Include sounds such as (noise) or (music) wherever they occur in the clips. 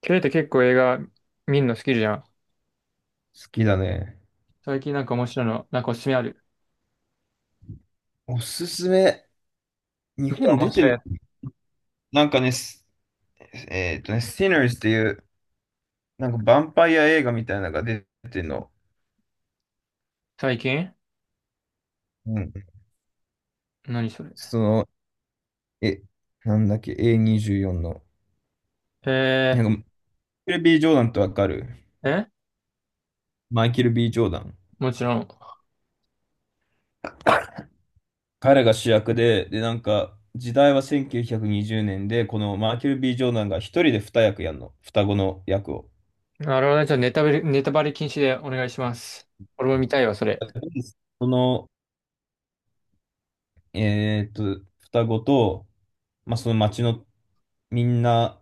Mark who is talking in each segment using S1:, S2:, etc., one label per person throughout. S1: ケイって結構映画見るの好きじゃん。
S2: 好きだね。
S1: 最近なんか面白いの、なんかおすすめある？
S2: おすすめ。日
S1: 見た
S2: 本
S1: 面
S2: 出てん
S1: 白い
S2: の
S1: やつ。
S2: なんかね、すSinners っていう、なんかヴァンパイア映画みたいなのが出てんの。
S1: 最近
S2: うん。
S1: 何それ。
S2: その、え、なんだっけ、A24 の。な
S1: え
S2: んか、マイケル・ B・ ジョーダンってわかる？
S1: ー、え
S2: マイケル・ B・ ジョーダン。
S1: もちろん。
S2: 彼が主役で、で、なんか、時代は1920年で、このマイケル・ B・ ジョーダンが一人で二役やんの。双子の役を。
S1: なるほどね。じゃあネタバレ、ネタバレ禁止でお願いします。俺も見たいわ、それ。
S2: その、双子と、まあ、その町のみんな、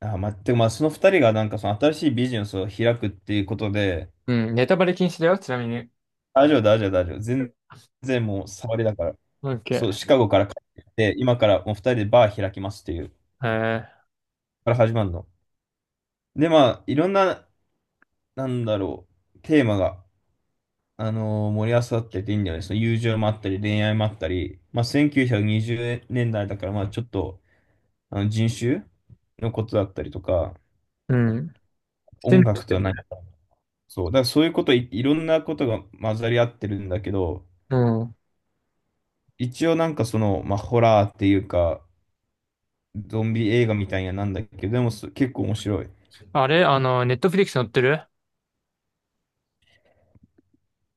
S2: あ、まあ、てかまあ、その二人がなんかその新しいビジネスを開くっていうことで、
S1: うん、ネタバレ禁止だよ、ちなみに。
S2: 大丈夫、大丈夫、大丈夫。全然もう触りだから。
S1: オッケ
S2: そう、
S1: ー。
S2: シカゴから帰ってきて、今からもう二人でバー開きますっていう、
S1: え
S2: から始まるの。で、まあ、いろんな、なんだろテーマが、盛り合わさってていいんだよね。その友情もあったり、恋愛もあったり、まあ、1920年代だから、まあ、ちょっと、あの人種のことだったりとか、
S1: うん。して
S2: 音
S1: るし
S2: 楽
S1: て
S2: とは何？
S1: る。
S2: そう、だからいろんなことが混ざり合ってるんだけど、
S1: うん。
S2: 一応なんかその、まあ、ホラーっていうか、ゾンビ映画みたいななんだけど、でも結構面白い。
S1: あれあの、ネットフリックス載ってる？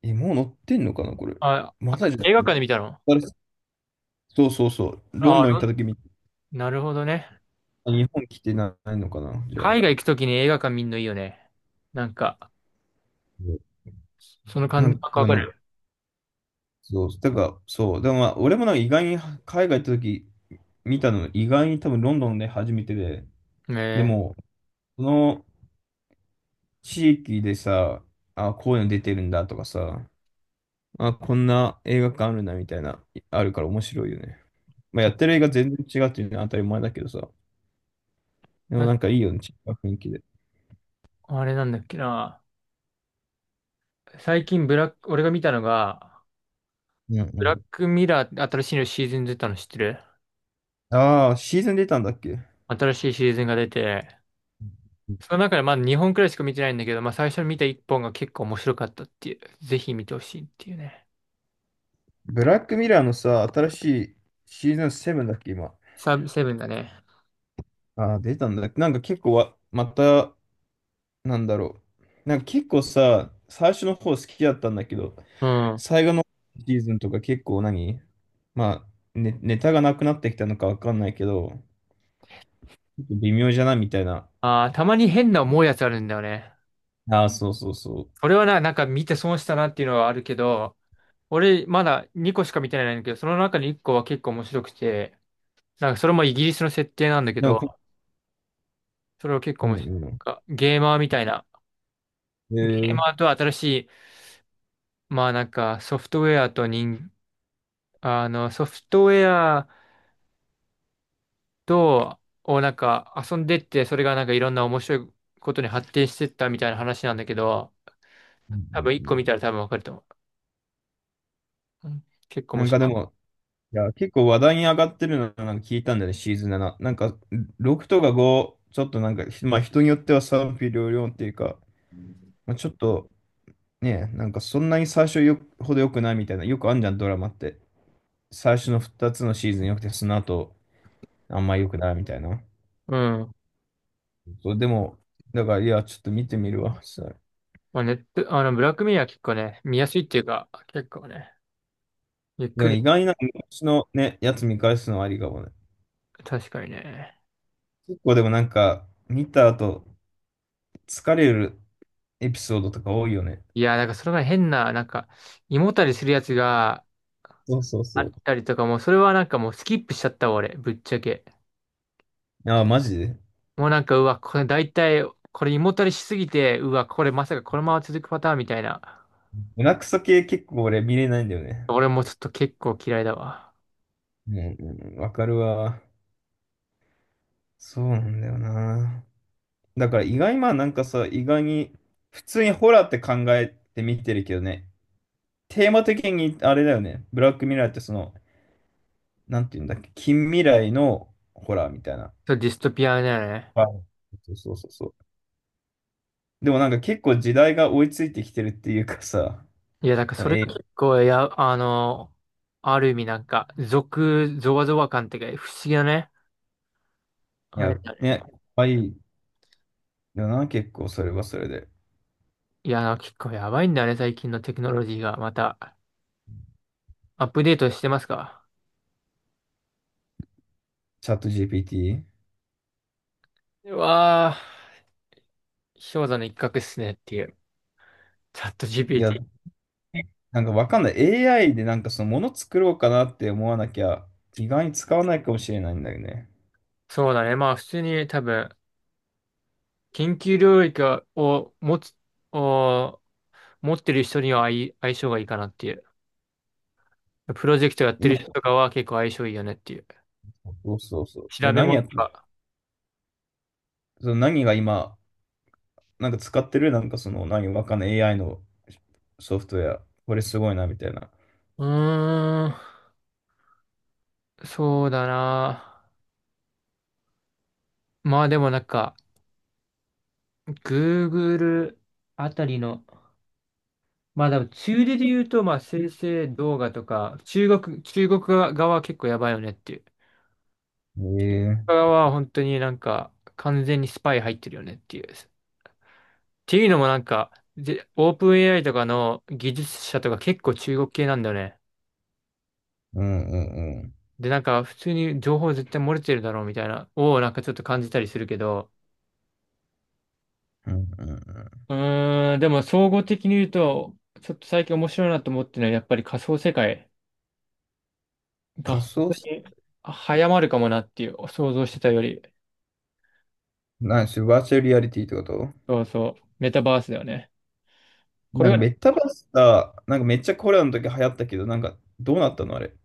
S2: え、もう乗ってんのかな、これ。
S1: あ、
S2: まだじゃ
S1: 映画館
S2: あ、
S1: で見たの？
S2: そうそうそう。ロ
S1: あ
S2: ン
S1: あ、
S2: ドン行った時み、
S1: なるほどね。
S2: 日本来てないのかな、じゃあ。
S1: 海外行くときに映画館見んのいいよね。なんか、
S2: うん、
S1: その
S2: な
S1: 感
S2: ん
S1: 覚わ
S2: か
S1: かる
S2: ね、
S1: よ。
S2: そう、だから、そう、でもまあ、俺もなんか意外に海外行った時見たの、意外に多分ロンドンで初めてで、
S1: ね
S2: で
S1: え。
S2: も、その、地域でさ、あ、こういうの出てるんだとかさ、あ、こんな映画館あるなみたいな、あるから面白いよね。まあ、やってる映画全然違うっていうのは当たり前だけどさ、でも
S1: あ
S2: なんかいいよね、違う雰囲気で。
S1: あれなんだっけな。最近ブラック、俺が見たのが、
S2: うんう
S1: ブラッ
S2: ん、
S1: クミラー、新しいのシーズン出たの知ってる？
S2: ああ、シーズン出たんだっけ？
S1: 新しいシーズンが出て、その中でまだ2本くらいしか見てないんだけど、まあ最初に見た1本が結構面白かったっていう、ぜひ見てほしいっていうね。
S2: ブラックミラーのさ、新しいシーズン7だっけ、今。
S1: サブセブンだね。
S2: ああ、出たんだっけ。なんか結構わ、また、なんだろなんか結構さ、最初の方好きだったんだけど、
S1: うん。
S2: 最後のシーズンとか結構何、まあ、ネタがなくなってきたのかわかんないけど、ちょっと微妙じゃないみたいな。
S1: ああ、たまに変な思うやつあるんだよね。
S2: ああ、そうそうそう。
S1: 俺はな、なんか見て損したなっていうのはあるけど、俺まだ2個しか見てないんだけど、その中に1個は結構面白くて、なんかそれもイギリスの設定なんだけ
S2: でも
S1: ど、
S2: こ、
S1: それを結構
S2: う
S1: 面
S2: ん
S1: 白い。
S2: うん。
S1: なんかゲーマーみたいな。
S2: え
S1: ゲー
S2: ー、
S1: マーと新しい、まあなんかソフトウェアと人、あの、ソフトウェアと、をなんか遊んでって、それがなんかいろんな面白いことに発展してったみたいな話なんだけど、
S2: う
S1: 多
S2: ん
S1: 分
S2: う
S1: 一
S2: んう
S1: 個
S2: ん。
S1: 見たら多分わかると思う。うん、結構面
S2: なんか
S1: 白
S2: で
S1: い。
S2: も、いや、結構話題に上がってるのなんか聞いたんだよね、シーズン7。なんか、6とか5、ちょっとなんか、まあ人によっては賛否両論っていうか、まあ、ちょっとね、なんかそんなに最初よほど良くないみたいな、よくあんじゃん、ドラマって。最初の2つのシーズン良くて、その後、あんま良くないみたいな。
S1: うん。
S2: そう、でも、だから、いや、ちょっと見てみるわ、それ。
S1: まあ、ネット、あの、ブラックミラー結構ね、見やすいっていうか、結構ね、ゆっ
S2: で
S1: く
S2: も
S1: り、
S2: 意外な昔のね、やつ見返すのはありかもね。
S1: 確かにね。
S2: 結構でもなんか、見た後、疲れるエピソードとか多いよね。
S1: いや、なんかそれが変な、なんか、胃もたれするやつが、
S2: そうそう
S1: あっ
S2: そ
S1: たりとかも、それはなんかもうスキップしちゃったわ、俺、ぶっちゃけ。
S2: う。ああ、マジで。
S1: もうなんか、うわ、これ大体、これ胃もたれしすぎて、うわ、これまさかこのまま続くパターンみたいな。
S2: 胸クソ系結構俺見れないんだよね。
S1: 俺もちょっと結構嫌いだわ。
S2: うんうんうん、わかるわ。そうなんだよな。だから意外、まあなんかさ、意外に、普通にホラーって考えて見てるけどね。テーマ的にあれだよね。ブラックミラーってその、なんていうんだっけ、近未来のホラーみたいな。
S1: ちょっとディストピアだよね。
S2: はい、そうそうそうそう。でもなんか結構時代が追いついてきてるっていうかさ、
S1: いや、なん
S2: (laughs)
S1: か
S2: この
S1: それ
S2: い
S1: が結構、いや、あの、ある意味なんか、俗、ゾワゾワ感っていうか、不思議だね。あれ
S2: や、
S1: だ
S2: ね、
S1: ね。
S2: 可愛いよな、結構それはそれで。
S1: いや、なんか結構やばいんだね、最近のテクノロジーが。また、アップデートしてますか？
S2: チャット GPT？
S1: うわー、氷山の一角っすねっていう。チャット
S2: いや、
S1: GPT。
S2: なんかわかんない。AI でなんかそのもの作ろうかなって思わなきゃ、意外に使わないかもしれないんだよね。
S1: そうだね。まあ普通に多分、研究領域を持つ、を持ってる人には相、相性がいいかなっていう。プロジェクトやってる
S2: 今、
S1: 人とかは結構相性いいよねっていう。
S2: そうそうそう。で、
S1: 調べ
S2: 何
S1: 物
S2: や
S1: と
S2: って、
S1: か。
S2: その何が今、なんか使ってるなんかその、何わかんない AI のソフトウェア。これすごいな、みたいな。
S1: うーん、そうだな。まあでもなんか、Google あたりの、まあでも中でで言うと、まあ生成動画とか、中国、中国側は結構やばいよねっていう。中
S2: え
S1: 国
S2: え、
S1: 側は本当になんか、完全にスパイ入ってるよねっていう。ていうのもなんか、で、オープン AI とかの技術者とか結構中国系なんだよね。
S2: うんうんうん。
S1: で、なんか普通に情報絶対漏れてるだろうみたいな、をなんかちょっと感じたりするけど、
S2: うんうんうん。
S1: でも総合的に言うと、ちょっと最近面白いなと思ってるのは、やっぱり仮想世界が
S2: 仮
S1: 本
S2: 想、
S1: 当に早まるかもなっていう、想像してたより、
S2: なんし、バーチャルリアリティってこと？
S1: そうそう、メタバースだよね。こ
S2: な
S1: れ
S2: んか
S1: が
S2: メタバースだ、なんかめっちゃコロナの時流行ったけど、なんかどうなったのあれ。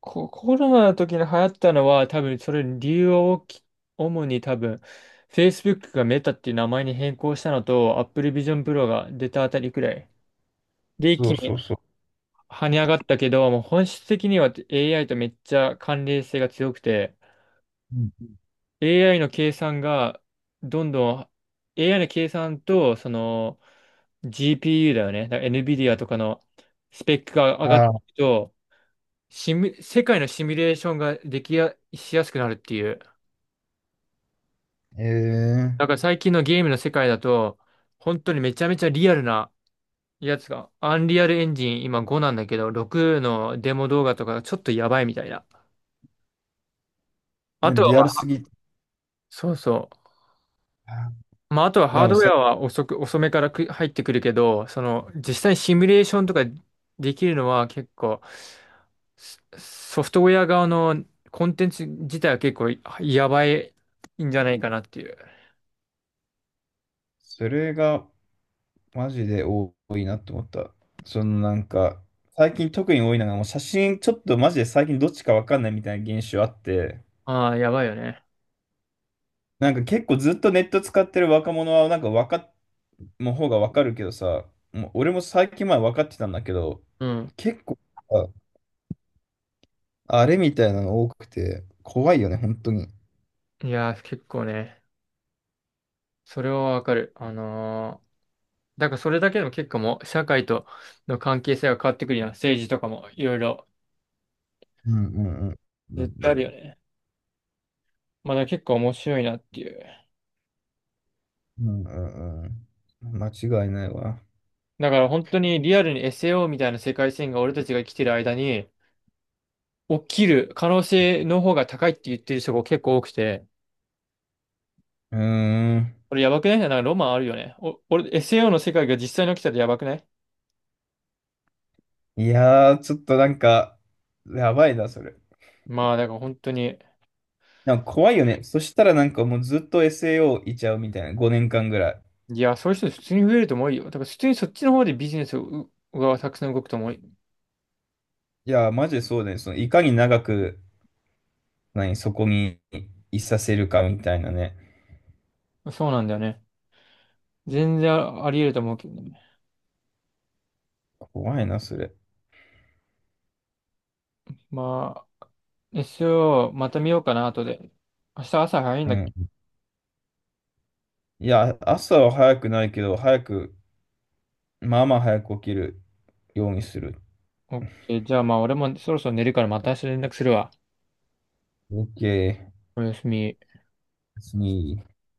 S1: コロナの時に流行ったのは多分それ理由は大き、主に多分 Facebook がメタっていう名前に変更したのと Apple Vision Pro が出たあたりくらい。で、一
S2: そ
S1: 気
S2: うそう
S1: に
S2: そう。
S1: 跳ね上がったけど、もう本質的には AI とめっちゃ関連性が強くて、
S2: うん、
S1: AI の計算がどんどん、 AI の計算とその GPU だよね。だから NVIDIA とかのスペックが上がって
S2: ああ、
S1: いくと、シミュ世界のシミュレーションができや、しやすくなるっていう。
S2: え
S1: だから最近のゲームの世界だと、本当にめちゃめちゃリアルなやつが、アンリアルエンジン今5なんだけど、6のデモ動画とかがちょっとやばいみたいな。
S2: え、
S1: あとは
S2: リ
S1: ま
S2: アルす
S1: あ、
S2: ぎ。
S1: そうそ
S2: あ、
S1: う。まああとは
S2: で
S1: ハー
S2: も
S1: ドウェ
S2: さ、
S1: アは遅く、遅めからく入ってくるけど、その実際にシミュレーションとかできるのは結構、ソフトウェア側のコンテンツ自体は結構やばいんじゃないかなっていう。
S2: それがマジで多いなって思った。そのなんか、最近特に多いのが、もう写真ちょっとマジで最近どっちかわかんないみたいな現象あって、
S1: ああ、やばいよね。
S2: なんか結構ずっとネット使ってる若者はなんか分かっの方がわかるけどさ、もう俺も最近前分かってたんだけど、
S1: うん。
S2: 結構さ、あれみたいなの多くて、怖いよね、本当に。
S1: いやー、結構ね、それはわかる。あのー、だからそれだけでも結構もう社会との関係性が変わってくるやん。政治とかもいろいろ
S2: うんうんうん。う
S1: 絶対あるよ
S2: ん
S1: ね。まあだから結構面白いなっていう。
S2: うんうん。間違いないわ。
S1: だから本当にリアルに SAO みたいな世界線が俺たちが生きてる間に起きる可能性の方が高いって言ってる人が結構多くて、
S2: うーん。
S1: これやばくない？なんかロマンあるよね。お、俺、 SAO の世界が実際に起きたらやばくない？
S2: いやー、ちょっとなんか、やばいな、それ。
S1: まあだから本当に、
S2: なんか怖いよね。そしたらなんかもうずっと SAO いちゃうみたいな、5年間ぐらい。
S1: いや、そういう人普通に増えると思うよ。だから普通にそっちの方でビジネスがたくさん動くと思う。
S2: いやー、マジでそうだね。そのいかに長く、何、そこにいさせるかみたいなね。
S1: そうなんだよね。全然あり得ると思うけどね。
S2: 怖いな、それ。
S1: まあ、SO また見ようかな、後で。明日朝早いん
S2: う
S1: だっけ？
S2: ん、いや、朝は早くないけど、早く、まあまあ早く起きるようにする。
S1: OK。じゃあまあ、俺もそろそろ寝るからまた明日連絡するわ。
S2: OK。
S1: おやすみ。
S2: 別に